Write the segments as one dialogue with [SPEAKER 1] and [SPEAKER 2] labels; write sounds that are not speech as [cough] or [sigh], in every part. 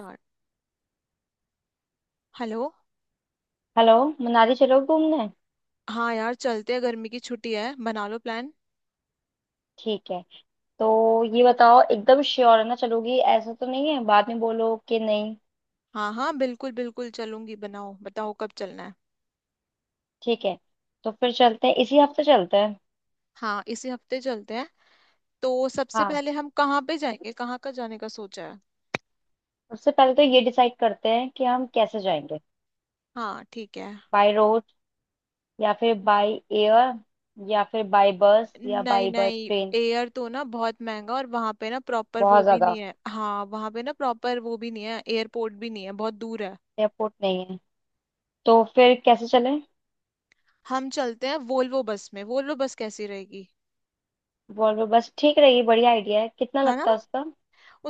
[SPEAKER 1] यार। Hello.
[SPEAKER 2] Hello. Manali चलो घूमने।
[SPEAKER 1] हाँ यार, चलते हैं। गर्मी की छुट्टी है, बना लो प्लान।
[SPEAKER 2] ठीक है। तो ये बताओ, एकदम श्योर है ना चलोगी? ऐसा तो नहीं है बाद में बोलो कि नहीं।
[SPEAKER 1] हाँ हाँ, बिल्कुल बिल्कुल चलूंगी। बनाओ, बताओ कब चलना है।
[SPEAKER 2] ठीक है। तो फिर चलते हैं, इसी हफ्ते चलते हैं।
[SPEAKER 1] हाँ, इसी हफ्ते चलते हैं। तो सबसे
[SPEAKER 2] हाँ,
[SPEAKER 1] पहले हम कहाँ पे जाएंगे? कहाँ का जाने का सोचा है?
[SPEAKER 2] उससे पहले तो ये डिसाइड करते हैं कि हम कैसे जाएंगे।
[SPEAKER 1] हाँ ठीक है।
[SPEAKER 2] बाय रोड, या फिर बाय एयर, या फिर बाय बस, या
[SPEAKER 1] नहीं
[SPEAKER 2] बाय बस
[SPEAKER 1] नहीं,
[SPEAKER 2] ट्रेन।
[SPEAKER 1] एयर तो ना बहुत महंगा, और वहाँ पे ना प्रॉपर वो
[SPEAKER 2] बहुत
[SPEAKER 1] भी नहीं
[SPEAKER 2] ज्यादा।
[SPEAKER 1] है। हाँ, वहाँ पे ना प्रॉपर वो भी नहीं है, एयरपोर्ट भी नहीं है, बहुत दूर है।
[SPEAKER 2] एयरपोर्ट नहीं है। तो फिर कैसे चलें?
[SPEAKER 1] हम चलते हैं वोल्वो बस में। वोल्वो बस कैसी रहेगी?
[SPEAKER 2] वॉल्वो बस ठीक रहेगी, बढ़िया आइडिया है। कितना
[SPEAKER 1] है ना।
[SPEAKER 2] लगता है उसका?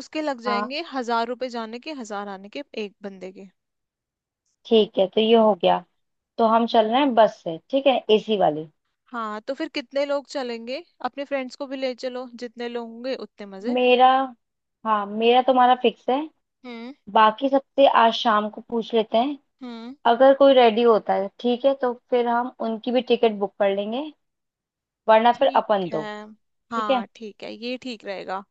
[SPEAKER 1] उसके लग
[SPEAKER 2] हाँ,
[SPEAKER 1] जाएंगे 1,000 रुपए जाने के, 1,000 आने के, एक बंदे के।
[SPEAKER 2] ठीक है, तो ये हो गया। तो हम चल रहे हैं बस से, ठीक है, एसी वाली।
[SPEAKER 1] हाँ, तो फिर कितने लोग चलेंगे? अपने फ्रेंड्स को भी ले चलो, जितने लोग होंगे उतने मजे।
[SPEAKER 2] मेरा हाँ, मेरा तुम्हारा फिक्स है।
[SPEAKER 1] हम्म।
[SPEAKER 2] बाकी सबसे आज शाम को पूछ लेते हैं।
[SPEAKER 1] हम्म।
[SPEAKER 2] अगर कोई रेडी होता है ठीक है, तो फिर हम उनकी भी टिकट बुक कर लेंगे। वरना फिर
[SPEAKER 1] ठीक
[SPEAKER 2] अपन
[SPEAKER 1] है।
[SPEAKER 2] दो। ठीक है।
[SPEAKER 1] हाँ ठीक है, ये ठीक रहेगा।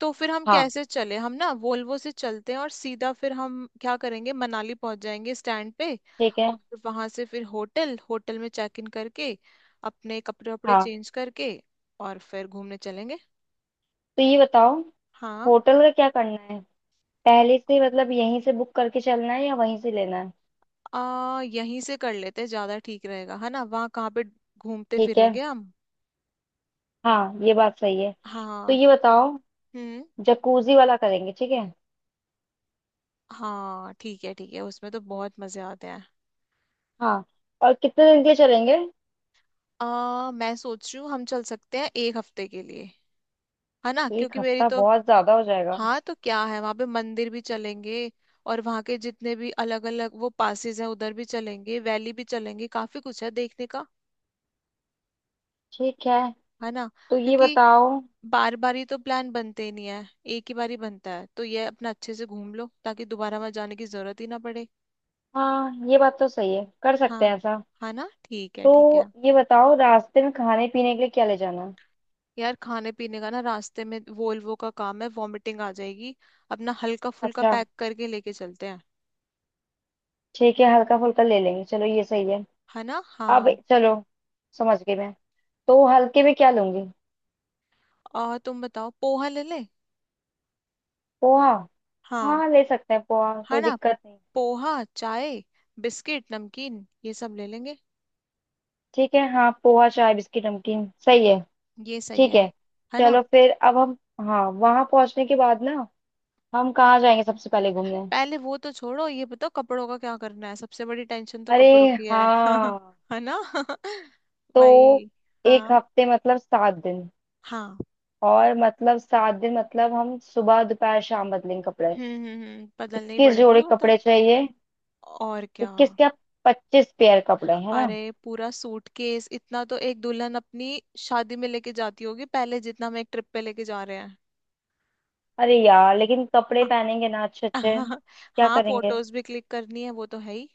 [SPEAKER 1] तो फिर हम
[SPEAKER 2] हाँ,
[SPEAKER 1] कैसे चले? हम ना वोल्वो से चलते हैं, और सीधा फिर हम क्या करेंगे, मनाली पहुंच जाएंगे स्टैंड पे।
[SPEAKER 2] ठीक है।
[SPEAKER 1] और वहां से फिर होटल होटल में चेक इन करके, अपने कपड़े वपड़े
[SPEAKER 2] हाँ,
[SPEAKER 1] चेंज करके, और फिर घूमने चलेंगे।
[SPEAKER 2] तो ये बताओ,
[SPEAKER 1] हाँ।
[SPEAKER 2] होटल का क्या करना है? पहले से मतलब यहीं से बुक करके चलना है या वहीं से लेना है?
[SPEAKER 1] यहीं से कर लेते हैं, ज्यादा ठीक रहेगा, है ना। वहाँ कहाँ पे घूमते
[SPEAKER 2] ठीक है,
[SPEAKER 1] फिरेंगे हम।
[SPEAKER 2] हाँ, ये बात सही है। तो
[SPEAKER 1] हाँ।
[SPEAKER 2] ये बताओ,
[SPEAKER 1] हम्म।
[SPEAKER 2] जकूजी वाला करेंगे, ठीक है?
[SPEAKER 1] हाँ ठीक है ठीक है, उसमें तो बहुत मजे आते हैं।
[SPEAKER 2] हाँ, और कितने दिन के लिए चलेंगे?
[SPEAKER 1] मैं सोच रही हूँ हम चल सकते हैं एक हफ्ते के लिए, है ना,
[SPEAKER 2] एक
[SPEAKER 1] क्योंकि मेरी
[SPEAKER 2] हफ्ता
[SPEAKER 1] तो।
[SPEAKER 2] बहुत ज्यादा हो जाएगा।
[SPEAKER 1] हाँ तो क्या है, वहां पे मंदिर भी चलेंगे, और वहां के जितने भी अलग अलग वो पासेज हैं उधर भी चलेंगे, वैली भी चलेंगे, काफी कुछ है देखने का।
[SPEAKER 2] ठीक है।
[SPEAKER 1] है ना।
[SPEAKER 2] तो ये
[SPEAKER 1] क्योंकि
[SPEAKER 2] बताओ।
[SPEAKER 1] बार बार ही तो प्लान बनते ही नहीं है, एक ही बार ही बनता है। तो ये अपना अच्छे से घूम लो, ताकि दोबारा वहां जाने की जरूरत ही ना पड़े।
[SPEAKER 2] हाँ, ये बात तो सही है, कर सकते हैं
[SPEAKER 1] हाँ
[SPEAKER 2] ऐसा।
[SPEAKER 1] है ना, ठीक है ठीक है।
[SPEAKER 2] तो ये बताओ, रास्ते में खाने पीने के लिए क्या ले जाना है?
[SPEAKER 1] यार, खाने पीने का ना रास्ते में, वोल्वो का काम है, वॉमिटिंग आ जाएगी। अपना हल्का फुल्का
[SPEAKER 2] अच्छा,
[SPEAKER 1] पैक करके लेके चलते हैं,
[SPEAKER 2] ठीक है, हल्का फुल्का ले लेंगे, चलो ये सही है।
[SPEAKER 1] है ना।
[SPEAKER 2] अब
[SPEAKER 1] हाँ।
[SPEAKER 2] चलो, समझ गई मैं। तो हल्के में क्या लूंगी?
[SPEAKER 1] और तुम बताओ, पोहा ले ले।
[SPEAKER 2] पोहा?
[SPEAKER 1] हाँ।
[SPEAKER 2] हाँ, ले सकते हैं पोहा,
[SPEAKER 1] है
[SPEAKER 2] कोई
[SPEAKER 1] ना।
[SPEAKER 2] दिक्कत नहीं।
[SPEAKER 1] पोहा, चाय, बिस्किट, नमकीन, ये सब ले लेंगे।
[SPEAKER 2] ठीक है, हाँ, पोहा चाय बिस्किट नमकीन सही है।
[SPEAKER 1] ये सही
[SPEAKER 2] ठीक
[SPEAKER 1] है।
[SPEAKER 2] है।
[SPEAKER 1] है ना।
[SPEAKER 2] चलो फिर। अब हम, हाँ, वहां पहुंचने के बाद ना, हम कहाँ जाएंगे सबसे पहले घूमने?
[SPEAKER 1] पहले वो तो छोड़ो, ये बताओ कपड़ों का क्या करना है, सबसे बड़ी टेंशन तो
[SPEAKER 2] अरे,
[SPEAKER 1] कपड़ों की है। [laughs]
[SPEAKER 2] हाँ।
[SPEAKER 1] है ना। [laughs]
[SPEAKER 2] तो
[SPEAKER 1] वही।
[SPEAKER 2] एक
[SPEAKER 1] हाँ।
[SPEAKER 2] हफ्ते मतलब 7 दिन।
[SPEAKER 1] हाँ।
[SPEAKER 2] और मतलब 7 दिन मतलब हम सुबह दोपहर शाम बदलेंगे कपड़े।
[SPEAKER 1] हम्म, बदलने ही
[SPEAKER 2] 21
[SPEAKER 1] पड़ेंगे
[SPEAKER 2] जोड़े
[SPEAKER 1] वो तो।
[SPEAKER 2] कपड़े चाहिए।
[SPEAKER 1] और क्या।
[SPEAKER 2] 21 क्या, 25 पेयर कपड़े, है ना।
[SPEAKER 1] अरे पूरा सूटकेस, इतना तो एक दुल्हन अपनी शादी में लेके जाती होगी पहले, जितना हम एक ट्रिप पे लेके जा रहे हैं।
[SPEAKER 2] अरे यार लेकिन कपड़े
[SPEAKER 1] [laughs]
[SPEAKER 2] पहनेंगे ना अच्छे अच्छे,
[SPEAKER 1] अ-
[SPEAKER 2] क्या
[SPEAKER 1] हाँ,
[SPEAKER 2] करेंगे।
[SPEAKER 1] फोटोज भी क्लिक करनी है, वो तो है ही।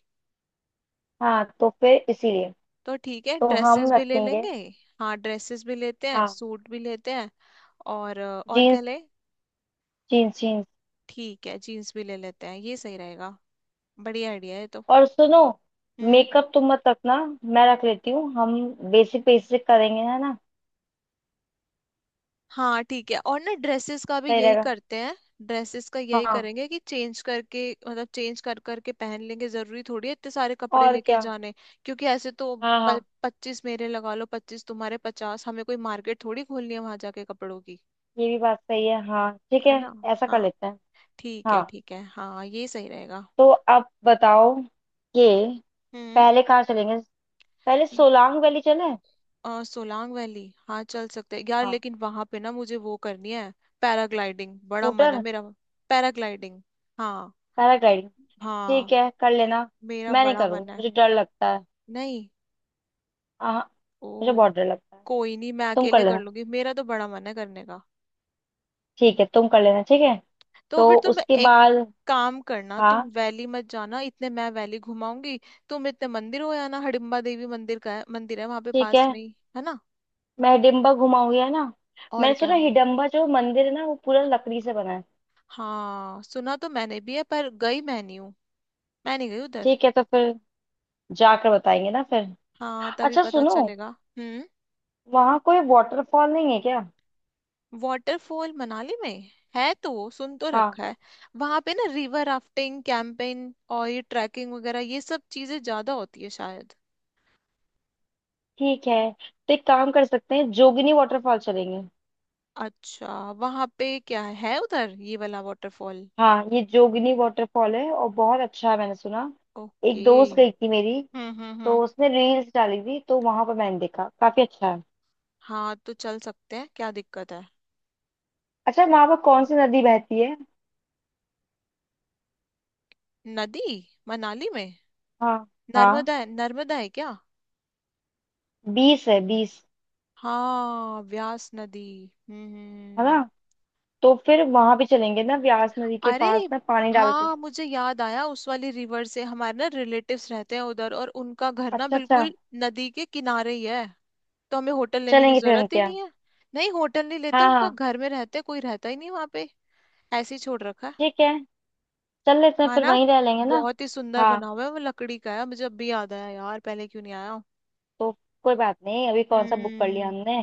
[SPEAKER 2] हाँ तो फिर इसीलिए।
[SPEAKER 1] तो ठीक है,
[SPEAKER 2] तो
[SPEAKER 1] ड्रेसेस
[SPEAKER 2] हम
[SPEAKER 1] भी ले
[SPEAKER 2] रखेंगे।
[SPEAKER 1] लेंगे। हाँ, ड्रेसेस भी लेते हैं,
[SPEAKER 2] हाँ।
[SPEAKER 1] सूट भी लेते हैं। और और क्या
[SPEAKER 2] जीन्स,
[SPEAKER 1] ले।
[SPEAKER 2] Jeans, jeans.
[SPEAKER 1] ठीक है, जीन्स भी ले लेते हैं, ये सही रहेगा। बढ़िया आइडिया है ये तो।
[SPEAKER 2] और सुनो,
[SPEAKER 1] हम्म।
[SPEAKER 2] मेकअप तुम मत रखना, मैं रख लेती हूँ। हम बेसिक बेसिक करेंगे, है ना।
[SPEAKER 1] हाँ ठीक है, और ना ड्रेसेस का भी
[SPEAKER 2] सही
[SPEAKER 1] यही
[SPEAKER 2] रहेगा।
[SPEAKER 1] करते हैं। ड्रेसेस का यही
[SPEAKER 2] हाँ,
[SPEAKER 1] करेंगे कि चेंज करके, मतलब चेंज कर करके पहन लेंगे, जरूरी थोड़ी है इतने सारे कपड़े
[SPEAKER 2] और
[SPEAKER 1] लेके
[SPEAKER 2] क्या।
[SPEAKER 1] जाने। क्योंकि ऐसे तो
[SPEAKER 2] हाँ हाँ।
[SPEAKER 1] 25 मेरे लगा लो, 25 तुम्हारे, 50, हमें कोई मार्केट थोड़ी खोलनी है वहां जाके कपड़ों की।
[SPEAKER 2] ये भी बात सही है, हाँ, ठीक है,
[SPEAKER 1] है ना।
[SPEAKER 2] ऐसा कर
[SPEAKER 1] हाँ
[SPEAKER 2] लेते हैं।
[SPEAKER 1] ठीक है
[SPEAKER 2] हाँ।
[SPEAKER 1] ठीक है, हाँ ये सही रहेगा।
[SPEAKER 2] तो आप बताओ कि
[SPEAKER 1] हम्म।
[SPEAKER 2] पहले कहाँ चलेंगे? पहले
[SPEAKER 1] ये-
[SPEAKER 2] सोलांग वैली चले?
[SPEAKER 1] सोलांग वैली। हाँ चल सकते हैं यार,
[SPEAKER 2] हाँ।
[SPEAKER 1] लेकिन वहां पे ना मुझे वो करनी है, पैराग्लाइडिंग। बड़ा मन है
[SPEAKER 2] स्कूटर
[SPEAKER 1] मेरा। पैराग्लाइडिंग। हाँ।
[SPEAKER 2] पैराग्लाइडिंग। ठीक
[SPEAKER 1] हाँ,
[SPEAKER 2] है, कर लेना।
[SPEAKER 1] मेरा
[SPEAKER 2] मैं नहीं
[SPEAKER 1] बड़ा मन
[SPEAKER 2] करूँगी,
[SPEAKER 1] है।
[SPEAKER 2] मुझे डर लगता है।
[SPEAKER 1] नहीं।
[SPEAKER 2] आह,
[SPEAKER 1] ओ।
[SPEAKER 2] मुझे बहुत डर लगता है।
[SPEAKER 1] कोई नहीं, मैं
[SPEAKER 2] तुम कर
[SPEAKER 1] अकेले कर
[SPEAKER 2] लेना।
[SPEAKER 1] लूंगी, मेरा तो बड़ा मन है करने का।
[SPEAKER 2] ठीक है, तुम कर लेना, ठीक है।
[SPEAKER 1] तो
[SPEAKER 2] तो
[SPEAKER 1] फिर तुम
[SPEAKER 2] उसके
[SPEAKER 1] एक
[SPEAKER 2] बाद।
[SPEAKER 1] काम करना, तुम
[SPEAKER 2] हाँ,
[SPEAKER 1] वैली मत जाना, इतने मैं वैली घुमाऊंगी। तुम इतने मंदिर हो आना, हडिम्बा देवी मंदिर का है, मंदिर है वहां पे
[SPEAKER 2] ठीक
[SPEAKER 1] पास
[SPEAKER 2] है।
[SPEAKER 1] में ही, है ना।
[SPEAKER 2] मैं हिडिम्बा घुमाऊंगी, है ना।
[SPEAKER 1] और
[SPEAKER 2] मैंने
[SPEAKER 1] क्या।
[SPEAKER 2] सुना हिडम्बा जो मंदिर है ना, वो पूरा लकड़ी से बना है।
[SPEAKER 1] हाँ, सुना तो मैंने भी है, पर गई मैं नहीं हूँ, मैं नहीं गई उधर।
[SPEAKER 2] ठीक है। तो फिर जाकर बताएंगे ना फिर।
[SPEAKER 1] हाँ तभी
[SPEAKER 2] अच्छा
[SPEAKER 1] पता
[SPEAKER 2] सुनो,
[SPEAKER 1] चलेगा। हम्म।
[SPEAKER 2] वहाँ कोई वाटरफॉल नहीं है क्या?
[SPEAKER 1] वाटरफॉल मनाली में है तो सुन तो
[SPEAKER 2] हाँ।
[SPEAKER 1] रखा है। वहां पे ना रिवर राफ्टिंग, कैंपिंग और ये ट्रैकिंग वगैरह, ये सब चीजें ज्यादा होती है शायद।
[SPEAKER 2] ठीक है, तो एक काम कर सकते हैं, जोगिनी वाटरफॉल चलेंगे।
[SPEAKER 1] अच्छा। वहां पे क्या है उधर, ये वाला वाटरफॉल?
[SPEAKER 2] हाँ, ये जोगिनी वाटरफॉल है और बहुत अच्छा है, मैंने सुना। एक
[SPEAKER 1] ओके।
[SPEAKER 2] दोस्त गई थी मेरी, तो
[SPEAKER 1] हम्म।
[SPEAKER 2] उसने रील्स डाली थी, तो वहां पर मैंने देखा काफी अच्छा है।
[SPEAKER 1] हाँ तो चल सकते हैं, क्या दिक्कत है।
[SPEAKER 2] अच्छा, वहां पर कौन सी नदी बहती है?
[SPEAKER 1] नदी? मनाली में?
[SPEAKER 2] हाँ हाँ,
[SPEAKER 1] नर्मदा है, नर्मदा है क्या?
[SPEAKER 2] 20 है, 20।
[SPEAKER 1] हाँ, व्यास नदी। हम्म हम्म,
[SPEAKER 2] है ना।
[SPEAKER 1] हम्म।
[SPEAKER 2] तो फिर वहां भी चलेंगे ना, व्यास नदी के
[SPEAKER 1] अरे
[SPEAKER 2] पास ना, पानी डाल के।
[SPEAKER 1] हाँ, मुझे याद आया, उस वाली रिवर से हमारे ना रिलेटिव्स रहते हैं उधर, और उनका घर ना
[SPEAKER 2] अच्छा अच्छा।
[SPEAKER 1] बिल्कुल नदी के किनारे ही है। तो हमें होटल लेने की
[SPEAKER 2] चलेंगे फिर
[SPEAKER 1] जरूरत
[SPEAKER 2] उनके
[SPEAKER 1] ही
[SPEAKER 2] यहाँ।
[SPEAKER 1] नहीं है। नहीं होटल नहीं लेते,
[SPEAKER 2] हाँ
[SPEAKER 1] उनका
[SPEAKER 2] हाँ।
[SPEAKER 1] घर में रहते हैं, कोई रहता ही नहीं वहां पे, ऐसे ही छोड़ रखा है।
[SPEAKER 2] ठीक है, चल लेते हैं,
[SPEAKER 1] हाँ
[SPEAKER 2] फिर
[SPEAKER 1] ना।
[SPEAKER 2] वहीं रह लेंगे ना।
[SPEAKER 1] बहुत ही सुंदर
[SPEAKER 2] हाँ।
[SPEAKER 1] बना हुआ है, वो लकड़ी का है। मुझे अब भी याद आया यार, पहले क्यों नहीं आया।
[SPEAKER 2] तो कोई बात नहीं, अभी कौन सा बुक कर लिया
[SPEAKER 1] हम्म।
[SPEAKER 2] हमने।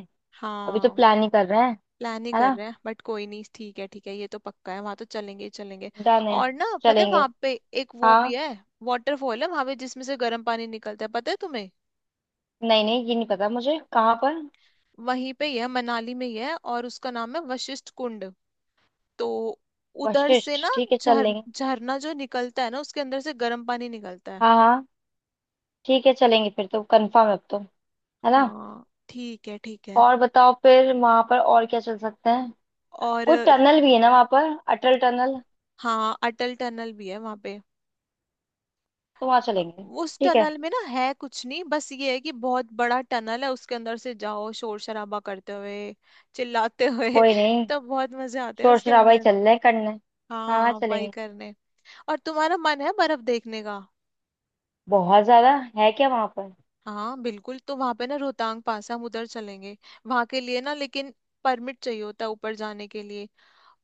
[SPEAKER 2] अभी तो
[SPEAKER 1] हाँ।
[SPEAKER 2] प्लान ही कर रहे हैं।
[SPEAKER 1] प्लान ही
[SPEAKER 2] है
[SPEAKER 1] कर
[SPEAKER 2] ना।
[SPEAKER 1] रहे हैं, बट कोई नहीं, ठीक है ठीक है, ये तो पक्का है, वहां तो चलेंगे ही चलेंगे।
[SPEAKER 2] डन है।
[SPEAKER 1] और ना पता है
[SPEAKER 2] चलेंगे।
[SPEAKER 1] वहां पे एक वो भी
[SPEAKER 2] हाँ।
[SPEAKER 1] है, वाटरफॉल है वहां पे जिसमें से गर्म पानी निकलता है, पता है तुम्हें?
[SPEAKER 2] नहीं नहीं, ये नहीं पता मुझे, कहाँ पर?
[SPEAKER 1] वहीं पे ही है, मनाली में ही है, और उसका नाम है वशिष्ठ कुंड। तो उधर से
[SPEAKER 2] वशिष्ठ,
[SPEAKER 1] ना
[SPEAKER 2] ठीक है, चल
[SPEAKER 1] झर
[SPEAKER 2] लेंगे।
[SPEAKER 1] झरना जो निकलता है ना, उसके अंदर से गर्म पानी निकलता है।
[SPEAKER 2] हाँ हाँ। ठीक है, चलेंगे, फिर तो कंफर्म है अब तो, है ना।
[SPEAKER 1] हाँ ठीक है ठीक है।
[SPEAKER 2] और बताओ, फिर वहां पर और क्या चल सकते हैं? कोई
[SPEAKER 1] और
[SPEAKER 2] टनल भी है ना वहां पर, अटल टनल।
[SPEAKER 1] हाँ, अटल टनल भी है वहां पे।
[SPEAKER 2] तो वहां चलेंगे।
[SPEAKER 1] उस
[SPEAKER 2] ठीक है।
[SPEAKER 1] टनल में ना है कुछ नहीं, बस ये है कि बहुत बड़ा टनल है, उसके अंदर से जाओ, शोर शराबा करते हुए, चिल्लाते हुए
[SPEAKER 2] कोई
[SPEAKER 1] [laughs]
[SPEAKER 2] नहीं,
[SPEAKER 1] तब बहुत मजे आते हैं
[SPEAKER 2] शोर
[SPEAKER 1] उसके
[SPEAKER 2] शराबा ही
[SPEAKER 1] अंदर।
[SPEAKER 2] चल रहे हैं करने। हाँ,
[SPEAKER 1] हाँ, वही
[SPEAKER 2] चलेंगे।
[SPEAKER 1] करने। और तुम्हारा मन है बर्फ देखने का?
[SPEAKER 2] बहुत ज्यादा है क्या वहां पर?
[SPEAKER 1] हाँ बिल्कुल, तो वहां पे ना रोहतांग पास है, हम उधर चलेंगे। वहां के लिए ना लेकिन परमिट चाहिए होता है ऊपर जाने के लिए।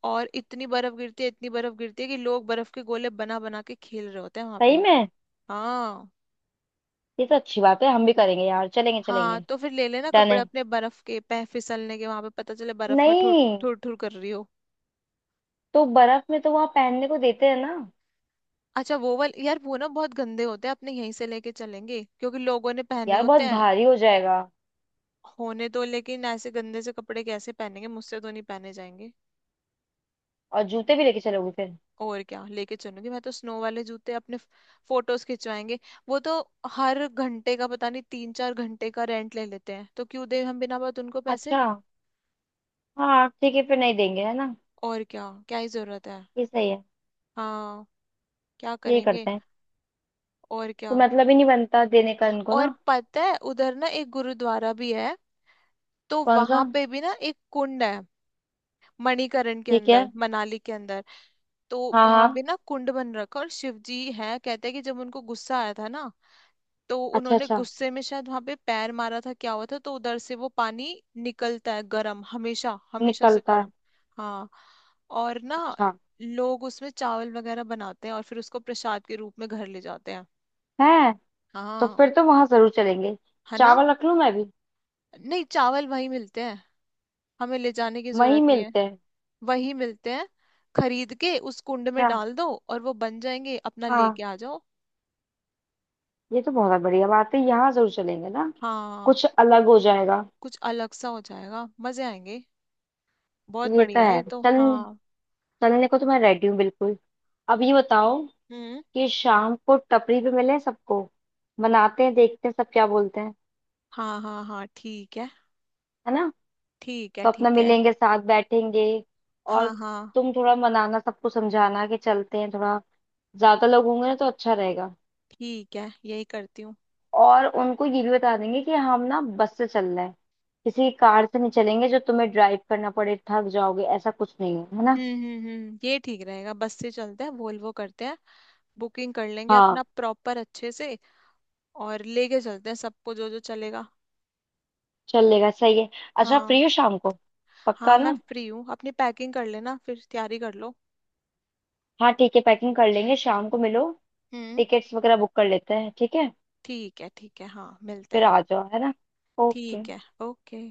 [SPEAKER 1] और इतनी बर्फ गिरती है, इतनी बर्फ गिरती है कि लोग बर्फ के गोले बना बना के खेल रहे होते हैं वहां
[SPEAKER 2] सही
[SPEAKER 1] पे।
[SPEAKER 2] में।
[SPEAKER 1] हाँ।
[SPEAKER 2] ये तो अच्छी बात है, हम भी करेंगे यार, चलेंगे
[SPEAKER 1] हाँ
[SPEAKER 2] चलेंगे।
[SPEAKER 1] तो फिर ले लेना
[SPEAKER 2] डन
[SPEAKER 1] कपड़े
[SPEAKER 2] है।
[SPEAKER 1] अपने बर्फ के पह फिसलने के, वहां पे पता चले बर्फ में ठुर
[SPEAKER 2] नहीं,
[SPEAKER 1] ठुर ठुर कर रही हो।
[SPEAKER 2] तो बर्फ में तो वहां पहनने को देते हैं ना?
[SPEAKER 1] अच्छा वो वाले यार, वो ना बहुत गंदे होते हैं, अपने यहीं से लेके चलेंगे, क्योंकि लोगों ने पहने
[SPEAKER 2] यार बहुत
[SPEAKER 1] होते हैं।
[SPEAKER 2] भारी हो जाएगा।
[SPEAKER 1] होने तो, लेकिन ऐसे गंदे से कपड़े कैसे पहनेंगे, मुझसे तो नहीं पहने जाएंगे।
[SPEAKER 2] और जूते भी लेके चलोगे फिर?
[SPEAKER 1] और क्या लेके चलूंगी मैं, तो स्नो वाले जूते अपने, फोटोज खिंचवाएंगे वो तो। हर घंटे का पता नहीं, 3 4 घंटे का रेंट ले लेते हैं, तो क्यों दे हम बिना बात उनको पैसे।
[SPEAKER 2] अच्छा, हाँ, ठीक है, फिर नहीं देंगे, है ना।
[SPEAKER 1] और क्या क्या ही जरूरत है।
[SPEAKER 2] ये सही है।
[SPEAKER 1] हाँ। क्या
[SPEAKER 2] यही
[SPEAKER 1] करेंगे।
[SPEAKER 2] करते हैं।
[SPEAKER 1] और क्या।
[SPEAKER 2] तो मतलब ही नहीं बनता देने का इनको
[SPEAKER 1] और
[SPEAKER 2] ना।
[SPEAKER 1] पता है उधर ना एक गुरुद्वारा भी है, तो
[SPEAKER 2] कौन सा?
[SPEAKER 1] वहां पे भी ना एक कुंड है। मणिकरण के
[SPEAKER 2] ठीक है।
[SPEAKER 1] अंदर, मनाली के अंदर। तो
[SPEAKER 2] हाँ
[SPEAKER 1] वहां भी
[SPEAKER 2] हाँ।
[SPEAKER 1] ना कुंड बन रखा है, और शिव जी है, कहते हैं कि जब उनको गुस्सा आया था ना, तो
[SPEAKER 2] अच्छा
[SPEAKER 1] उन्होंने
[SPEAKER 2] अच्छा।
[SPEAKER 1] गुस्से में शायद वहां पे पैर मारा था क्या हुआ था, तो उधर से वो पानी निकलता है, गर्म, हमेशा हमेशा से
[SPEAKER 2] निकलता है।
[SPEAKER 1] गर्म। हाँ। और ना
[SPEAKER 2] अच्छा।
[SPEAKER 1] लोग उसमें चावल वगैरह बनाते हैं, और फिर उसको प्रसाद के रूप में घर ले जाते हैं।
[SPEAKER 2] है। तो
[SPEAKER 1] हाँ।
[SPEAKER 2] फिर तो वहां जरूर चलेंगे।
[SPEAKER 1] है ना।
[SPEAKER 2] चावल रख लूं मैं भी?
[SPEAKER 1] नहीं, चावल वही मिलते हैं, हमें ले जाने की
[SPEAKER 2] वहीं
[SPEAKER 1] जरूरत नहीं है।
[SPEAKER 2] मिलते हैं।
[SPEAKER 1] वही मिलते हैं, खरीद के उस कुंड में
[SPEAKER 2] अच्छा,
[SPEAKER 1] डाल दो और वो बन जाएंगे, अपना
[SPEAKER 2] हाँ,
[SPEAKER 1] लेके आ जाओ।
[SPEAKER 2] ये तो बहुत बढ़िया बात है, यहाँ जरूर चलेंगे ना।
[SPEAKER 1] हाँ।
[SPEAKER 2] कुछ अलग हो जाएगा।
[SPEAKER 1] कुछ अलग सा हो जाएगा, मजे आएंगे। बहुत
[SPEAKER 2] ये तो
[SPEAKER 1] बढ़िया है
[SPEAKER 2] है।
[SPEAKER 1] ये तो,
[SPEAKER 2] चल,
[SPEAKER 1] हाँ।
[SPEAKER 2] चलने को तो मैं रेडी हूँ बिल्कुल। अब ये बताओ
[SPEAKER 1] हम्म।
[SPEAKER 2] कि शाम को टपरी पे मिले सबको। बनाते हैं, देखते हैं सब क्या बोलते हैं।
[SPEAKER 1] हाँ हाँ हाँ ठीक है,
[SPEAKER 2] है ना।
[SPEAKER 1] ठीक है
[SPEAKER 2] तो अपना
[SPEAKER 1] ठीक है।
[SPEAKER 2] मिलेंगे, साथ बैठेंगे। और
[SPEAKER 1] हाँ हाँ
[SPEAKER 2] तुम थोड़ा मनाना सबको, समझाना कि चलते हैं थोड़ा, ज्यादा लोग होंगे ना तो अच्छा रहेगा।
[SPEAKER 1] ठीक है, यही करती हूँ।
[SPEAKER 2] और उनको ये भी बता देंगे कि हम ना बस से चल रहे हैं, किसी कार से नहीं चलेंगे जो तुम्हें ड्राइव करना पड़े, थक जाओगे, ऐसा कुछ नहीं है, है ना।
[SPEAKER 1] हम्म, ये ठीक रहेगा, बस से चलते हैं, वोल्वो करते हैं, बुकिंग कर लेंगे
[SPEAKER 2] हाँ।
[SPEAKER 1] अपना प्रॉपर अच्छे से। और लेके चलते हैं सबको, जो जो चलेगा।
[SPEAKER 2] चलेगा, सही है। अच्छा,
[SPEAKER 1] हाँ।
[SPEAKER 2] फ्री हो शाम को?
[SPEAKER 1] हाँ
[SPEAKER 2] पक्का
[SPEAKER 1] मैं
[SPEAKER 2] ना?
[SPEAKER 1] फ्री हूँ, अपनी पैकिंग कर लेना, फिर तैयारी कर लो।
[SPEAKER 2] हाँ ठीक है, पैकिंग कर लेंगे, शाम को मिलो।
[SPEAKER 1] हम्म।
[SPEAKER 2] टिकट्स वगैरह बुक कर लेते हैं, ठीक है।
[SPEAKER 1] ठीक है ठीक है, हाँ मिलते
[SPEAKER 2] फिर
[SPEAKER 1] हैं।
[SPEAKER 2] आ जाओ, है ना। ओके।
[SPEAKER 1] ठीक है। ओके।